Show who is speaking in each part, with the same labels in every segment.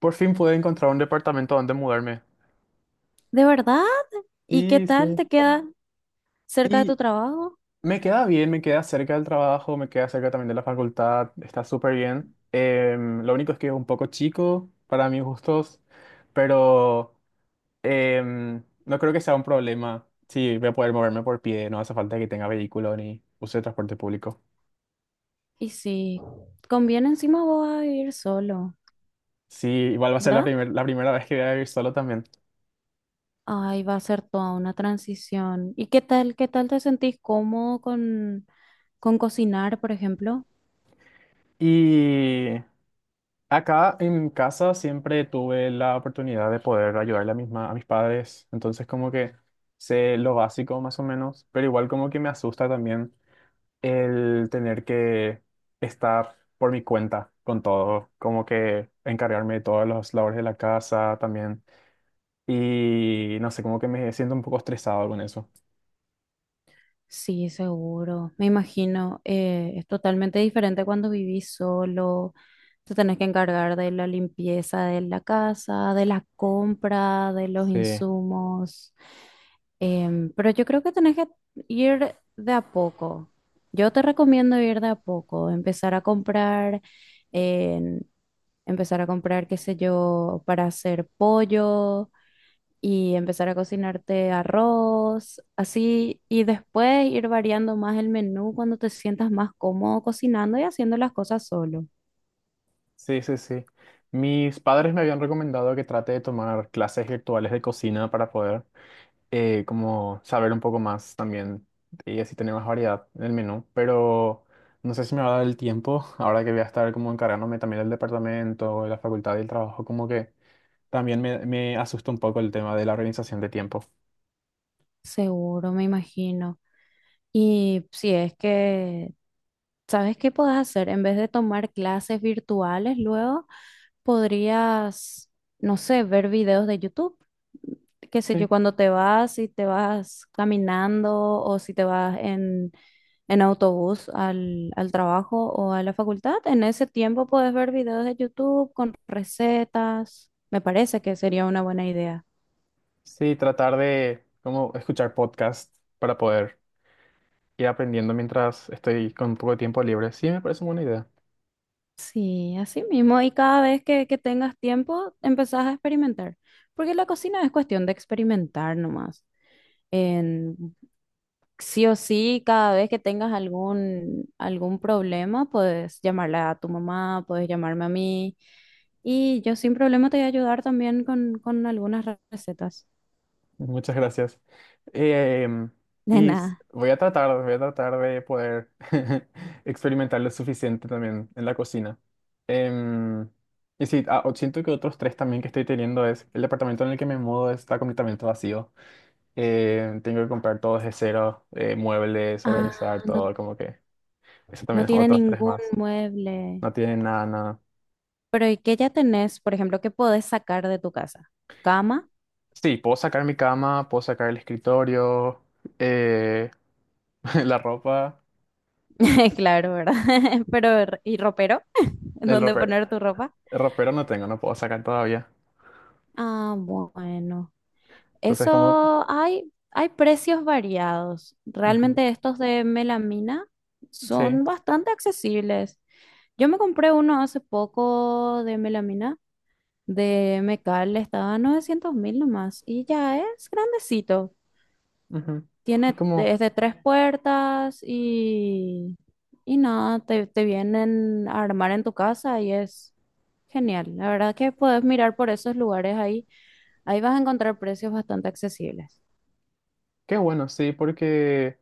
Speaker 1: Por fin pude encontrar un departamento donde mudarme.
Speaker 2: ¿De verdad? ¿Y qué
Speaker 1: Sí,
Speaker 2: tal
Speaker 1: sí.
Speaker 2: te queda cerca de
Speaker 1: Y
Speaker 2: tu trabajo?
Speaker 1: me queda bien, me queda cerca del trabajo, me queda cerca también de la facultad, está súper bien. Lo único es que es un poco chico para mis gustos, pero no creo que sea un problema. Sí, voy a poder moverme por pie, no hace falta que tenga vehículo ni use transporte público.
Speaker 2: Y si conviene encima vos vas a vivir solo,
Speaker 1: Sí, igual va a ser la
Speaker 2: ¿verdad?
Speaker 1: la primera vez que voy a vivir solo también.
Speaker 2: Ay, va a ser toda una transición. ¿Y qué tal te sentís cómodo con cocinar, por ejemplo?
Speaker 1: Y Acá en mi casa siempre tuve la oportunidad de poder ayudarle a mis, a mis padres, entonces como que sé lo básico más o menos, pero igual como que me asusta también el tener que estar por mi cuenta con todo, como que encargarme de todas las labores de la casa también y no sé, como que me siento un poco estresado con eso.
Speaker 2: Sí, seguro. Me imagino, es totalmente diferente cuando vivís solo. Te tenés que encargar de la limpieza de la casa, de la compra, de los
Speaker 1: Sí,
Speaker 2: insumos. Pero yo creo que tenés que ir de a poco. Yo te recomiendo ir de a poco, empezar a comprar, em, qué sé yo, para hacer pollo y empezar a cocinarte arroz, así, y después ir variando más el menú cuando te sientas más cómodo cocinando y haciendo las cosas solo.
Speaker 1: sí, sí, sí. Mis padres me habían recomendado que trate de tomar clases virtuales de cocina para poder. Como saber un poco más también y así tener más variedad en el menú, pero no sé si me va a dar el tiempo, ahora que voy a estar como encargándome también del departamento, de la facultad y el trabajo, como que también me asusta un poco el tema de la organización de tiempo.
Speaker 2: Seguro, me imagino. Y si es que ¿Sabes qué podés hacer? En vez de tomar clases virtuales, luego podrías, no sé, ver videos de YouTube. Qué sé
Speaker 1: Sí.
Speaker 2: yo, cuando te vas, si te vas caminando o si te vas en autobús al trabajo o a la facultad, en ese tiempo puedes ver videos de YouTube con recetas. Me parece que sería una buena idea.
Speaker 1: Sí, tratar de como escuchar podcast para poder ir aprendiendo mientras estoy con un poco de tiempo libre. Sí, me parece una buena idea.
Speaker 2: Sí, así mismo. Y cada vez que tengas tiempo, empezás a experimentar. Porque la cocina es cuestión de experimentar nomás. en- sí o sí, cada vez que tengas algún problema, puedes llamarla a tu mamá, puedes llamarme a mí. Y yo sin problema te voy a ayudar también con algunas recetas.
Speaker 1: Muchas gracias. Em,
Speaker 2: De
Speaker 1: y
Speaker 2: nada.
Speaker 1: voy a tratar de poder experimentar lo suficiente también en la cocina. Em, y sí, ah, siento que otros tres también que estoy teniendo es el departamento en el que me mudo está completamente vacío. Tengo que comprar todo desde cero, muebles,
Speaker 2: Ah,
Speaker 1: organizar
Speaker 2: no,
Speaker 1: todo, como que eso
Speaker 2: no
Speaker 1: también es
Speaker 2: tiene
Speaker 1: otros tres
Speaker 2: ningún
Speaker 1: más.
Speaker 2: mueble.
Speaker 1: No tiene nada, nada.
Speaker 2: Pero ¿y qué ya tenés, por ejemplo, qué podés sacar de tu casa? Cama,
Speaker 1: Sí, puedo sacar mi cama, puedo sacar el escritorio, eh, la ropa,
Speaker 2: claro, ¿verdad? Pero, ¿y ropero? ¿En
Speaker 1: el
Speaker 2: ¿Dónde
Speaker 1: ropero.
Speaker 2: poner tu ropa?
Speaker 1: Ropero no tengo, no puedo sacar todavía.
Speaker 2: Ah, bueno.
Speaker 1: Entonces, como,
Speaker 2: Eso hay precios variados.
Speaker 1: ujú,
Speaker 2: Realmente estos de melamina
Speaker 1: sí,
Speaker 2: son bastante accesibles. Yo me compré uno hace poco de melamina, de Mecal, estaba a 900 mil nomás y ya es grandecito.
Speaker 1: ujú. Y
Speaker 2: Tiene
Speaker 1: como,
Speaker 2: desde tres puertas y nada, te vienen a armar en tu casa y es genial. La verdad que puedes mirar por esos lugares ahí. Ahí vas a encontrar precios bastante accesibles.
Speaker 1: qué bueno, sí, porque,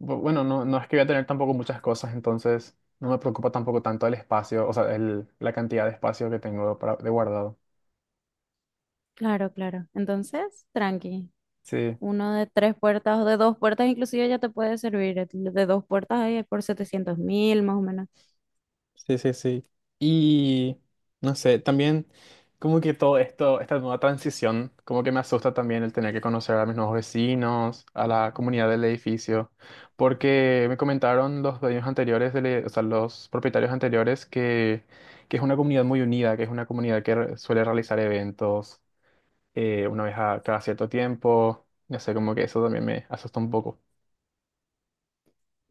Speaker 1: bueno, no, no es que voy a tener tampoco muchas cosas, entonces no me preocupa tampoco tanto el espacio, o sea, la cantidad de espacio que tengo para, de guardado.
Speaker 2: Claro, claro. Entonces, tranqui.
Speaker 1: Sí.
Speaker 2: Uno de tres puertas o de dos puertas, inclusive ya te puede servir. El De dos puertas ahí por 700.000, más o menos.
Speaker 1: Sí, sí, sí. Y no sé, también como que todo esto, esta nueva transición, como que me asusta también el tener que conocer a mis nuevos vecinos, a la comunidad del edificio, porque me comentaron los dueños anteriores, o sea, los propietarios anteriores, que es una comunidad muy unida, que es una comunidad que suele realizar eventos una vez a cada cierto tiempo. No sé, como que eso también me asusta un poco.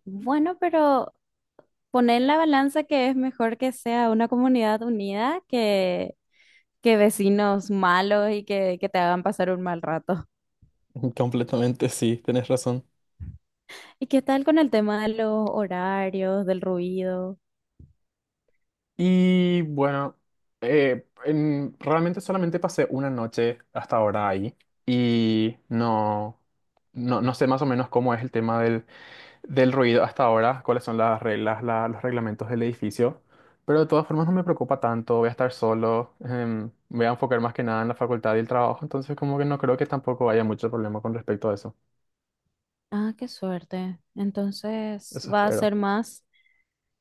Speaker 2: Bueno, pero poner en la balanza que es mejor que sea una comunidad unida que vecinos malos y que te hagan pasar un mal rato.
Speaker 1: Completamente, sí, tenés razón.
Speaker 2: ¿Y qué tal con el tema de los horarios, del ruido?
Speaker 1: Y bueno, realmente solamente pasé una noche hasta ahora ahí y no, no, no sé más o menos cómo es el tema del, del ruido hasta ahora, cuáles son las reglas, los reglamentos del edificio, pero de todas formas no me preocupa tanto, voy a estar solo, me voy a enfocar más que nada en la facultad y el trabajo, entonces como que no creo que tampoco haya mucho problema con respecto a eso,
Speaker 2: Ah, qué suerte. Entonces,
Speaker 1: eso
Speaker 2: va a
Speaker 1: espero.
Speaker 2: ser más.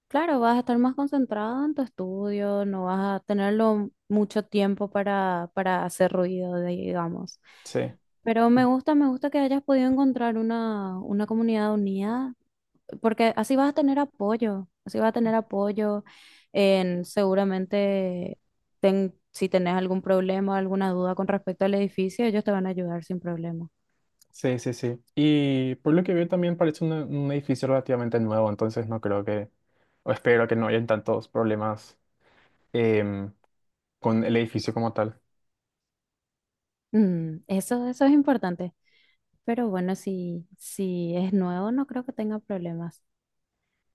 Speaker 2: Claro, vas a estar más concentrada en tu estudio, no vas a tenerlo mucho tiempo para hacer ruido, digamos.
Speaker 1: Sí.
Speaker 2: Pero me gusta que hayas podido encontrar una comunidad unida, porque así vas a tener apoyo, así vas a tener apoyo en seguramente si tenés algún problema, alguna duda con respecto al edificio, ellos te van a ayudar sin problema.
Speaker 1: Sí, sí, sí. Y por lo que veo también parece un edificio relativamente nuevo, entonces no creo que, o espero que no hayan tantos problemas em, con el edificio como tal.
Speaker 2: Eso es importante. Pero bueno, si es nuevo, no creo que tenga problemas.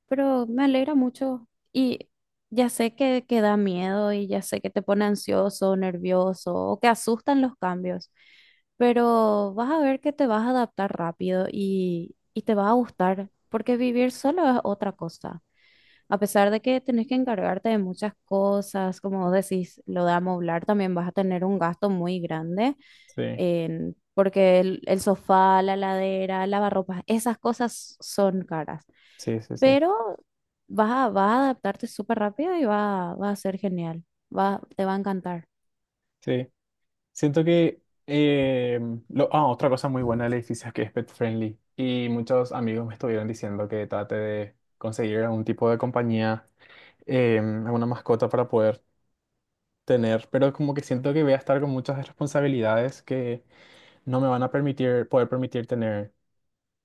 Speaker 2: Pero me alegra mucho y ya sé que da miedo y ya sé que te pone ansioso, nervioso o que asustan los cambios, pero vas a ver que te vas a adaptar rápido y te va a gustar, porque vivir solo es otra cosa. A pesar de que tenés que encargarte de muchas cosas, como vos decís, lo de amoblar también vas a tener un gasto muy grande,
Speaker 1: Sí,
Speaker 2: porque el sofá, la ladera, lavarropas, esas cosas son caras,
Speaker 1: sí, sí, sí.
Speaker 2: pero vas a adaptarte súper rápido y va a ser genial, te va a encantar.
Speaker 1: Sí. Siento que lo, ah, otra cosa muy buena del edificio es que es pet friendly. Y muchos amigos me estuvieron diciendo que trate de conseguir algún tipo de compañía, alguna mascota para poder tener, pero como que siento que voy a estar con muchas responsabilidades que no me van a permitir, poder permitir tener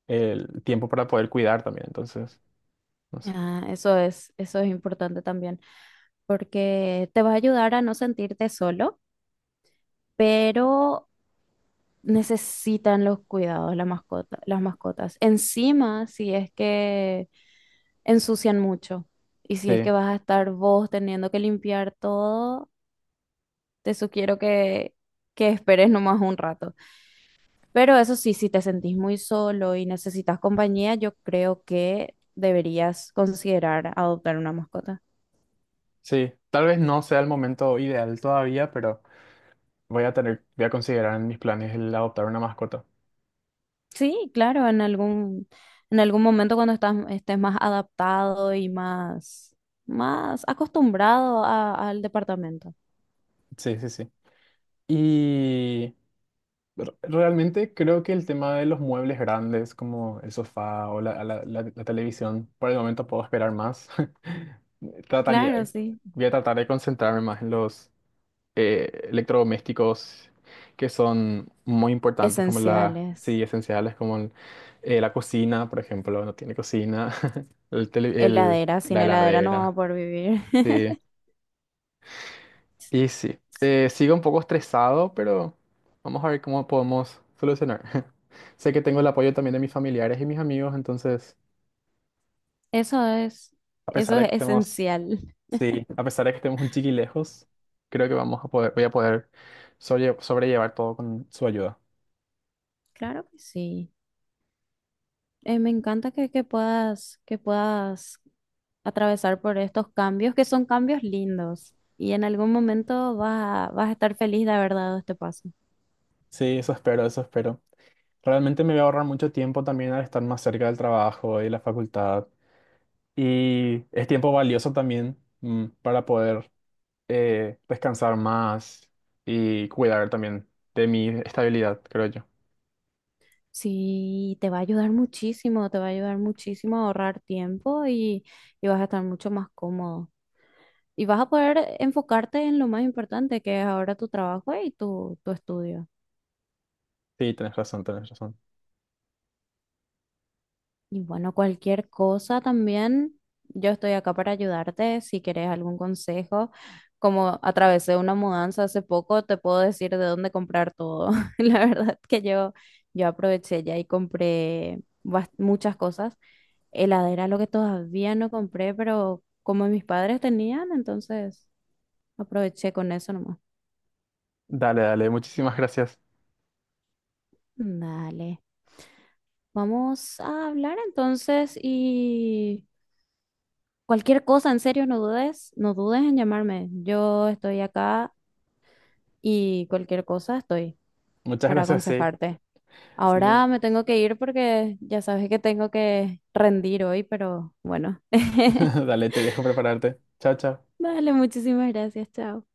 Speaker 1: el tiempo para poder cuidar también. Entonces, no sé.
Speaker 2: Ah, eso es importante también, porque te va a ayudar a no sentirte solo, pero necesitan los cuidados la mascota, las mascotas. Encima, si es que ensucian mucho y si es
Speaker 1: Sí,
Speaker 2: que vas a estar vos teniendo que limpiar todo, te sugiero que esperes nomás un rato. Pero eso sí, si te sentís muy solo y necesitas compañía, yo creo que deberías considerar adoptar una mascota.
Speaker 1: sí. Tal vez no sea el momento ideal todavía, pero voy a tener, voy a considerar en mis planes el adoptar una mascota.
Speaker 2: Sí, claro, en algún momento cuando estés más adaptado y más acostumbrado al departamento.
Speaker 1: Sí, sí, sí. Y realmente creo que el tema de los muebles grandes, como el sofá o la televisión, por el momento puedo esperar más.
Speaker 2: Claro,
Speaker 1: Trataría,
Speaker 2: sí.
Speaker 1: voy a tratar de concentrarme más en los electrodomésticos que son muy importantes, como la,
Speaker 2: Esenciales.
Speaker 1: sí, esenciales, como la cocina, por ejemplo, no tiene cocina, el tele- el-
Speaker 2: Heladera, sin
Speaker 1: la
Speaker 2: heladera no vamos a
Speaker 1: heladera,
Speaker 2: poder vivir.
Speaker 1: sí. Y sí, sigo un poco estresado, pero vamos a ver cómo podemos solucionar. Sé que tengo el apoyo también de mis familiares y mis amigos, entonces,
Speaker 2: Eso es,
Speaker 1: a pesar
Speaker 2: eso
Speaker 1: de que
Speaker 2: es
Speaker 1: estemos,
Speaker 2: esencial.
Speaker 1: sí, a pesar de que estemos un chiqui lejos, creo que vamos a poder, voy a poder sobrellevar todo con su ayuda.
Speaker 2: Claro que sí. Me encanta que puedas, que puedas atravesar por estos cambios, que son cambios lindos. Y en algún momento vas a estar feliz de haber dado este paso.
Speaker 1: Sí, eso espero, eso espero. Realmente me voy a ahorrar mucho tiempo también al estar más cerca del trabajo y la facultad. Y es tiempo valioso también para poder descansar más y cuidar también de mi estabilidad, creo yo.
Speaker 2: Sí, te va a ayudar muchísimo, te va a ayudar muchísimo a ahorrar tiempo y vas a estar mucho más cómodo. Y vas a poder enfocarte en lo más importante, que es ahora tu trabajo y tu estudio.
Speaker 1: Sí, tenés razón, tenés razón.
Speaker 2: Y bueno, cualquier cosa también, yo estoy acá para ayudarte. Si querés algún consejo, como atravesé una mudanza hace poco, te puedo decir de dónde comprar todo. La verdad que yo aproveché ya y compré muchas cosas. Heladera, lo que todavía no compré, pero como mis padres tenían, entonces aproveché con eso nomás.
Speaker 1: Dale, dale, muchísimas gracias.
Speaker 2: Dale. Vamos a hablar entonces y cualquier cosa, en serio, no dudes, no dudes en llamarme. Yo estoy acá y cualquier cosa estoy
Speaker 1: Muchas
Speaker 2: para
Speaker 1: gracias, sí.
Speaker 2: aconsejarte.
Speaker 1: Sí.
Speaker 2: Ahora me tengo que ir porque ya sabes que tengo que rendir hoy, pero bueno.
Speaker 1: Dale, te dejo prepararte. Chao, chao.
Speaker 2: Dale, muchísimas gracias, chao.